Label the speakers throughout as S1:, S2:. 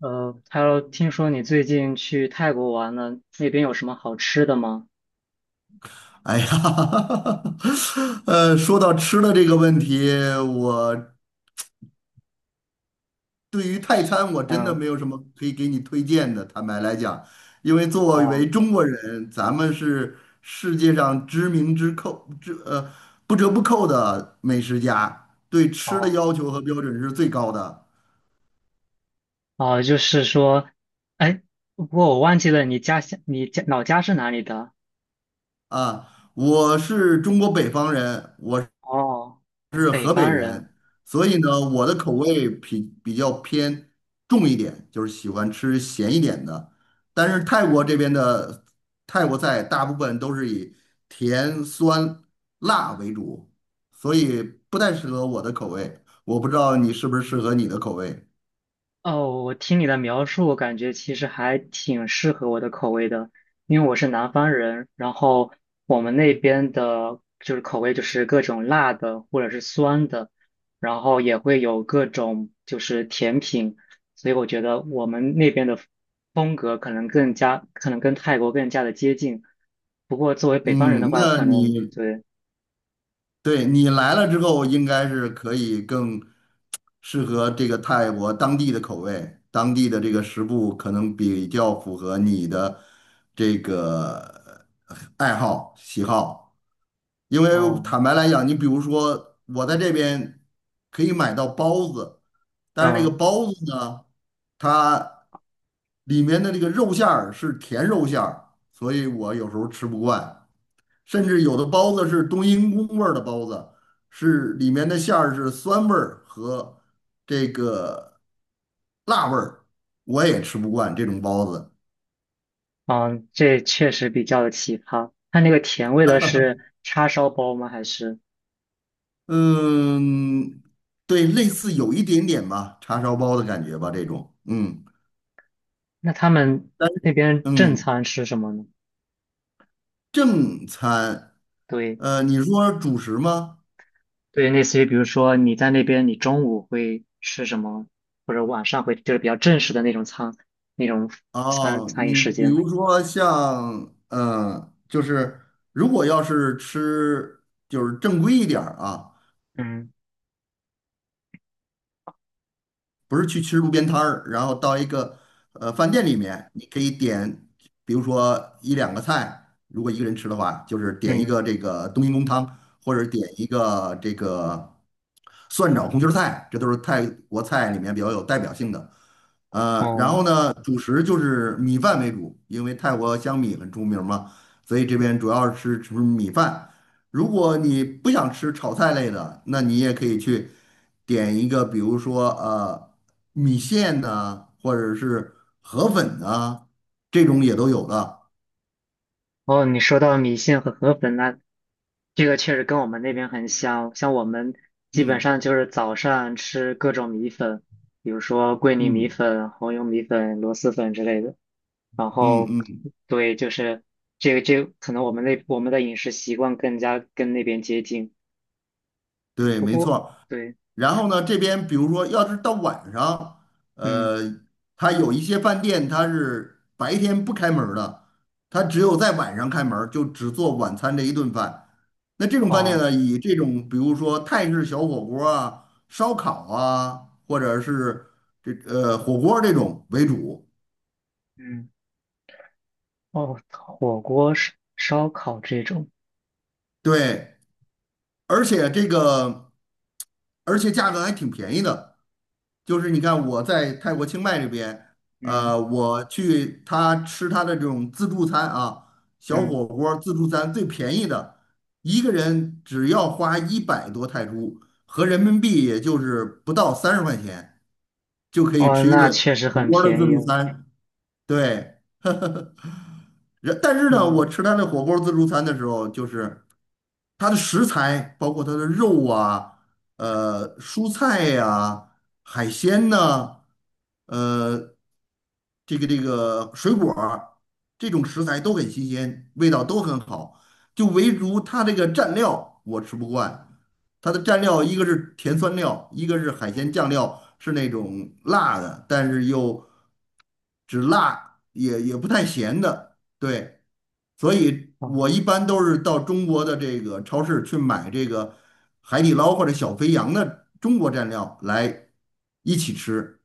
S1: 听说你最近去泰国玩了，那边有什么好吃的吗？
S2: 哎呀，说到吃的这个问题，我对于泰餐我真的
S1: 嗯。
S2: 没有什么可以给你推荐的。坦白来讲，因为作
S1: 哦
S2: 为中国人，咱们是世界上知名之扣之呃不折不扣的美食家，对吃的
S1: 哦，
S2: 要求和标准是最高的
S1: 哦，就是说，哎，不过我忘记了你家乡，你家老家是哪里的？
S2: 啊。我是中国北方人，我
S1: 哦，
S2: 是
S1: 北
S2: 河北
S1: 方人。
S2: 人，所以呢，我的口味比较偏重一点，就是喜欢吃咸一点的。但是泰国这边的泰国菜大部分都是以甜、酸、辣为主，所以不太适合我的口味。我不知道你是不是适合你的口味。
S1: 哦，我听你的描述，我感觉其实还挺适合我的口味的，因为我是南方人，然后我们那边的就是口味就是各种辣的或者是酸的，然后也会有各种就是甜品，所以我觉得我们那边的风格可能更加，可能跟泰国更加的接近。不过作为北方人的
S2: 嗯，
S1: 话，
S2: 那
S1: 可能
S2: 你
S1: 对，
S2: 对你来了之后，应该是可以更适合这个泰国当地的口味，当地的这个食物可能比较符合你的这个爱好喜好。因为
S1: 哦，
S2: 坦白来讲，你比如说我在这边可以买到包子，但是这个
S1: 嗯。
S2: 包子呢，它里面的这个肉馅儿是甜肉馅儿，所以我有时候吃不惯。甚至有的包子是冬阴功味儿的包子，是里面的馅儿是酸味儿和这个辣味儿，我也吃不惯这种包子。
S1: 嗯，这确实比较的奇葩。它那个甜味的是叉烧包吗？还是
S2: 嗯，对，类似有一点点吧，叉烧包的感觉吧，这种。嗯，
S1: 那他们
S2: 但
S1: 那
S2: 是
S1: 边正
S2: 嗯，
S1: 餐吃什么呢？
S2: 正餐，
S1: 对
S2: 你说主食吗？
S1: 对，类似于比如说你在那边，你中午会吃什么，或者晚上会就是比较正式的那种餐，那种餐
S2: 哦，
S1: 餐饮
S2: 你
S1: 时
S2: 比
S1: 间。
S2: 如说像，就是如果要是吃就是正规一点儿啊。
S1: 嗯
S2: 不是去吃路边摊儿，然后到一个饭店里面，你可以点，比如说一两个菜，如果一个人吃的话，就是点一
S1: 嗯，
S2: 个这个冬阴功汤，或者点一个这个蒜炒红心儿菜，这都是泰国菜里面比较有代表性的。然
S1: 哦，
S2: 后呢，主食就是米饭为主，因为泰国香米很出名嘛，所以这边
S1: 嗯。
S2: 主要是吃米饭。如果你不想吃炒菜类的，那你也可以去点一个，比如说米线呐、或者是河粉呐、这种也都有的。
S1: 哦，你说到米线和河粉，那这个确实跟我们那边很像，像我们基本
S2: 嗯
S1: 上就是早上吃各种米粉，比如说桂林米
S2: 嗯
S1: 粉、红油米粉、螺蛳粉之类的。然
S2: 嗯
S1: 后，
S2: 嗯，
S1: 对，就是这个可能我们那我们的饮食习惯更加跟那边接近。
S2: 对，
S1: 不
S2: 没
S1: 过，
S2: 错儿。
S1: 对。
S2: 然后呢，这边比如说，要是到晚上，
S1: 嗯。
S2: 呃，它有一些饭店它是白天不开门儿的，它只有在晚上开门儿，就只做晚餐这一顿饭。那这种饭店
S1: 哦。
S2: 呢，以这种比如说泰式小火锅啊、烧烤啊，或者是这火锅这种为主。
S1: 嗯。哦，火锅、烧烤这种。
S2: 对。而且这个，而且价格还挺便宜的。就是你看我在泰国清迈这边，
S1: 嗯
S2: 我去他吃他的这种自助餐啊，小
S1: 嗯。
S2: 火锅儿自助餐最便宜的，一个人只要花100多泰铢，合人民币也就是不到30块钱，就可以
S1: 哦，
S2: 吃一
S1: 那
S2: 顿
S1: 确实
S2: 火
S1: 很
S2: 锅儿的自
S1: 便宜
S2: 助
S1: 了。
S2: 餐。对，但是呢，我
S1: 嗯
S2: 吃他的火锅儿自助餐的时候，就是，它的食材包括它的肉啊、蔬菜呀、海鲜呐、呃这个水果儿这种食材都很新鲜，味道都很好。就唯独它这个蘸料我吃不惯，它的蘸料一个是甜酸料，一个是海鲜
S1: 嗯。
S2: 酱料，是那种辣的，但是又只辣也不太咸的，对。所以我
S1: 哦。
S2: 一般都是到中国的这个超市去买这个海底捞或者小肥羊的中国蘸料来一起吃。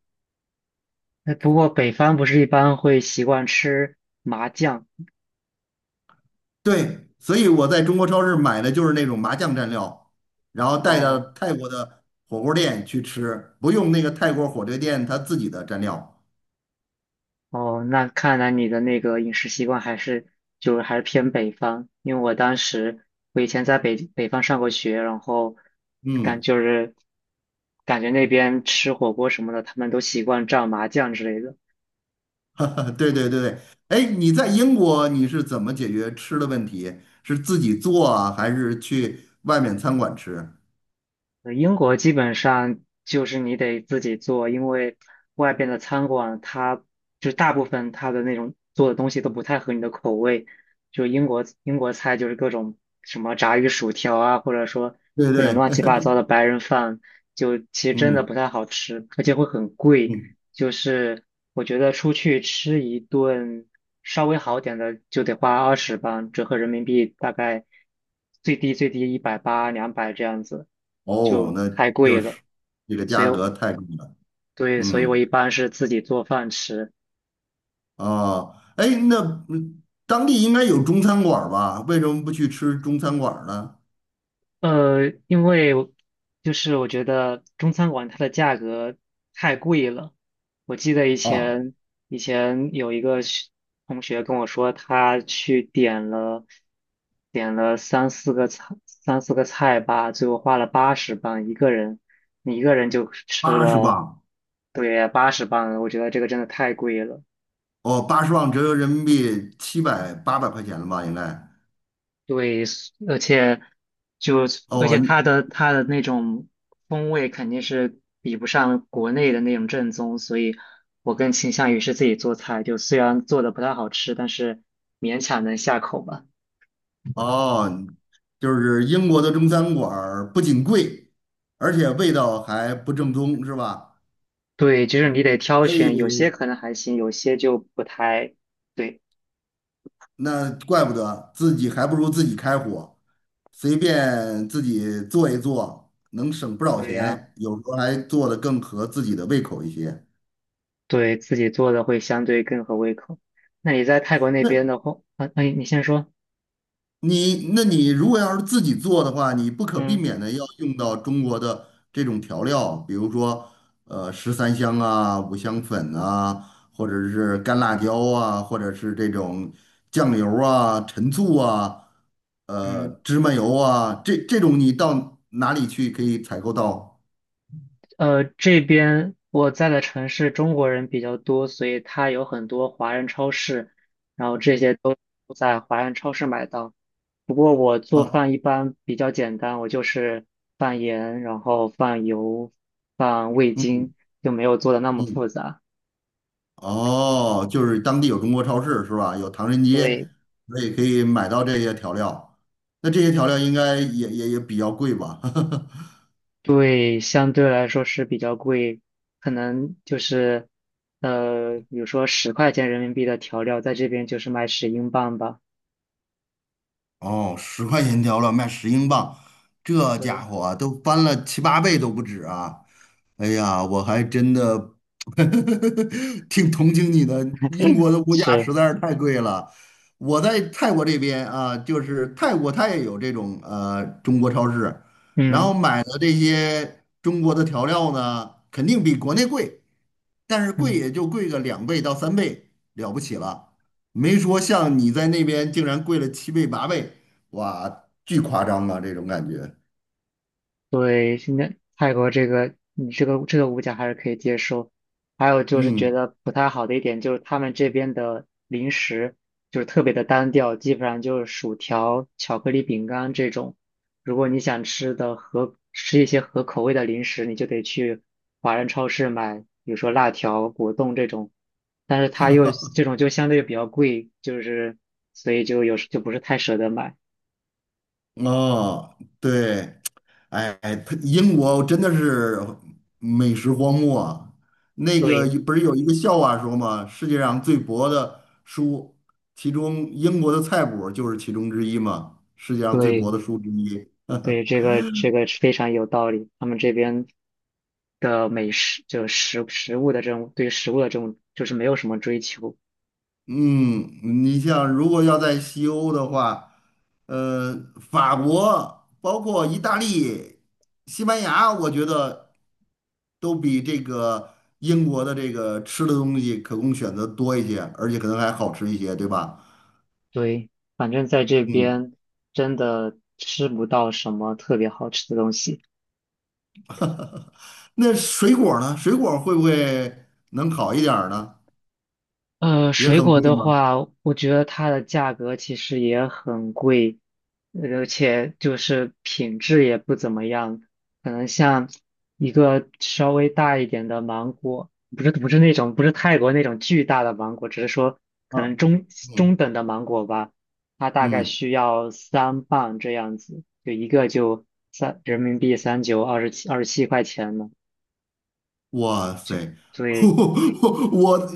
S1: 哎，不过北方不是一般会习惯吃麻酱。
S2: 对，所以我在中国超市买的就是那种麻酱蘸料，然后带到
S1: 哦
S2: 泰国的火锅店去吃，不用那个泰国火锅店他自己的蘸料。
S1: 哦，那看来你的那个饮食习惯还是就是还是偏北方，因为我当时我以前在北方上过学，然后感
S2: 嗯，
S1: 就是感觉那边吃火锅什么的，他们都习惯蘸麻酱之类的。
S2: 对对对对。哎，你在英国你是怎么解决吃的问题？是自己做啊，还是去外面餐馆吃？
S1: 英国基本上就是你得自己做，因为外边的餐馆它就大部分它的那种做的东西都不太合你的口味。就英国菜就是各种什么炸鱼薯条啊，或者说
S2: 对
S1: 各种
S2: 对，
S1: 乱七八糟的白人饭，就其 实真的不
S2: 嗯
S1: 太好吃，而且会很贵。
S2: 嗯。
S1: 就是我觉得出去吃一顿稍微好点的就得花二十吧，折合人民币大概最低最低180200这样子，
S2: 哦，
S1: 就
S2: 那
S1: 太贵
S2: 就
S1: 了。
S2: 是这个
S1: 所以
S2: 价
S1: 我
S2: 格太贵了。
S1: 对，所以我
S2: 嗯
S1: 一般是自己做饭吃。
S2: 啊，哎，那当地应该有中餐馆儿吧？为什么不去吃中餐馆儿呢？
S1: 因为我就是我觉得中餐馆它的价格太贵了。我记得以
S2: 哦，
S1: 前以前有一个同学跟我说，他去点了三四个菜吧，最后花了八十磅一个人，你一个人就吃
S2: 八十
S1: 了，
S2: 磅，
S1: 对，八十磅，我觉得这个真的太贵了。
S2: 哦，八十磅折合人民币七百八百块钱了吧？应该。
S1: 对，而且就而
S2: 哦
S1: 且它的那种风味肯定是比不上国内的那种正宗，所以我更倾向于是自己做菜，就虽然做的不太好吃，但是勉强能下口吧。
S2: 哦，就是英国的中餐馆儿不仅贵，而且味道还不正宗，是吧？
S1: 对，就是你得挑
S2: 所
S1: 选，有些
S2: 以。
S1: 可能还行，有些就不太对。
S2: 那怪不得自己还不如自己开火，随便自己做一做，能省不少
S1: 对呀，
S2: 钱，有时候还做的更合自己的胃口一些。
S1: 对自己做的会相对更合胃口。那你在泰国那边
S2: 那
S1: 的话，啊，那你先说。
S2: 那你如果要是自己做的话，你不可避
S1: 嗯
S2: 免的要用到中国的这种调料，比如说十三香啊、五香粉啊，或者是干辣椒啊，或者是这种酱油啊、陈醋啊、
S1: 嗯。
S2: 芝麻油啊，这种你到哪里去可以采购到
S1: 这边我在的城市中国人比较多，所以它有很多华人超市，然后这些都在华人超市买到。不过我做
S2: 啊？
S1: 饭一般比较简单，我就是放盐，然后放油，放味精，
S2: 嗯
S1: 就没有做的那么复
S2: 嗯。
S1: 杂。
S2: 哦，就是当地有中国超市是吧？有唐人街，
S1: 对。
S2: 所以可以买到这些调料。那这些调料应该也比较贵吧？
S1: 对，相对来说是比较贵，可能就是比如说十块钱人民币的调料，在这边就是卖10英镑吧。
S2: 哦，10块钱一条了，卖10英镑，这家
S1: 对。
S2: 伙都翻了七八倍都不止啊！哎呀，我还真的 挺同情你的，英国的物价
S1: 是。
S2: 实在是太贵了。我在泰国这边啊，就是泰国它也有这种中国超市，然
S1: 嗯。
S2: 后买的这些中国的调料呢，肯定比国内贵，但是贵
S1: 嗯。
S2: 也就贵个2倍到3倍，了不起了。没说像你在那边竟然贵了七倍八倍，哇，巨夸张啊，这种感觉。
S1: 对，现在泰国这个，你这个物价还是可以接受。还有就是觉
S2: 嗯，
S1: 得不太好的一点就是他们这边的零食就是特别的单调，基本上就是薯条、巧克力饼干这种。如果你想吃的合吃一些合口味的零食，你就得去华人超市买，比如说辣条、果冻这种。但是它又这种就相对比较贵，就是所以就有时就不是太舍得买。
S2: 哦，对，哎，它英国真的是美食荒漠啊。那个
S1: 对
S2: 不是有一个笑话说吗？世界上最薄的书，其中英国的菜谱就是其中之一嘛，世界上最薄
S1: 对，
S2: 的书之一。
S1: 对，这个是非常有道理。他们这边的美食，就食物的这种对食物的这种，就是没有什么追求。
S2: 嗯，你像如果要在西欧的话，呃，法国包括意大利、西班牙，我觉得都比这个英国的这个吃的东西可供选择多一些，而且可能还好吃一些，对吧？
S1: 对，反正在这
S2: 嗯，
S1: 边真的吃不到什么特别好吃的东西。
S2: 那水果儿呢？水果儿会不会能好一点儿呢？也
S1: 水
S2: 很
S1: 果
S2: 贵
S1: 的
S2: 吗？
S1: 话，我觉得它的价格其实也很贵，而且就是品质也不怎么样。可能像一个稍微大一点的芒果，不是不是那种不是泰国那种巨大的芒果，只是说可
S2: 啊，
S1: 能中
S2: 嗯
S1: 中等的芒果吧，它大概
S2: 嗯。
S1: 需要3磅这样子，就一个就三，人民币三九二十七，27块钱呢。
S2: 哇塞，
S1: 对
S2: 我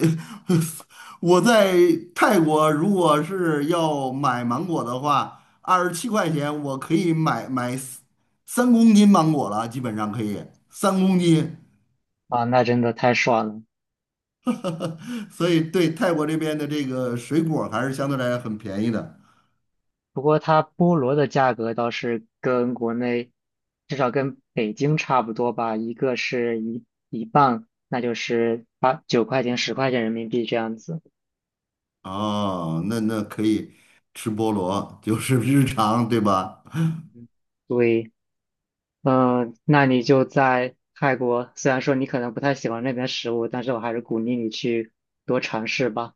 S2: 我在泰国，如果是要买芒果的话，27块钱我可以买三公斤芒果了，基本上可以三公斤。
S1: 啊，那真的太爽了。
S2: 所以对泰国这边的这个水果还是相对来讲很便宜的。
S1: 不过它菠萝的价格倒是跟国内，至少跟北京差不多吧，一个是一磅，那就是8、9块钱、十块钱人民币这样子。
S2: 哦，那那可以吃菠萝，就是日常，对吧？
S1: 嗯。对。嗯，那你就在泰国，虽然说你可能不太喜欢那边食物，但是我还是鼓励你去多尝试吧。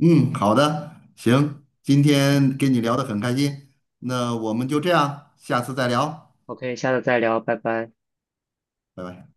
S2: 嗯，好的，行，今天跟你聊的很开心，那我们就这样，下次再聊。
S1: OK，下次再聊，拜拜。
S2: 拜拜。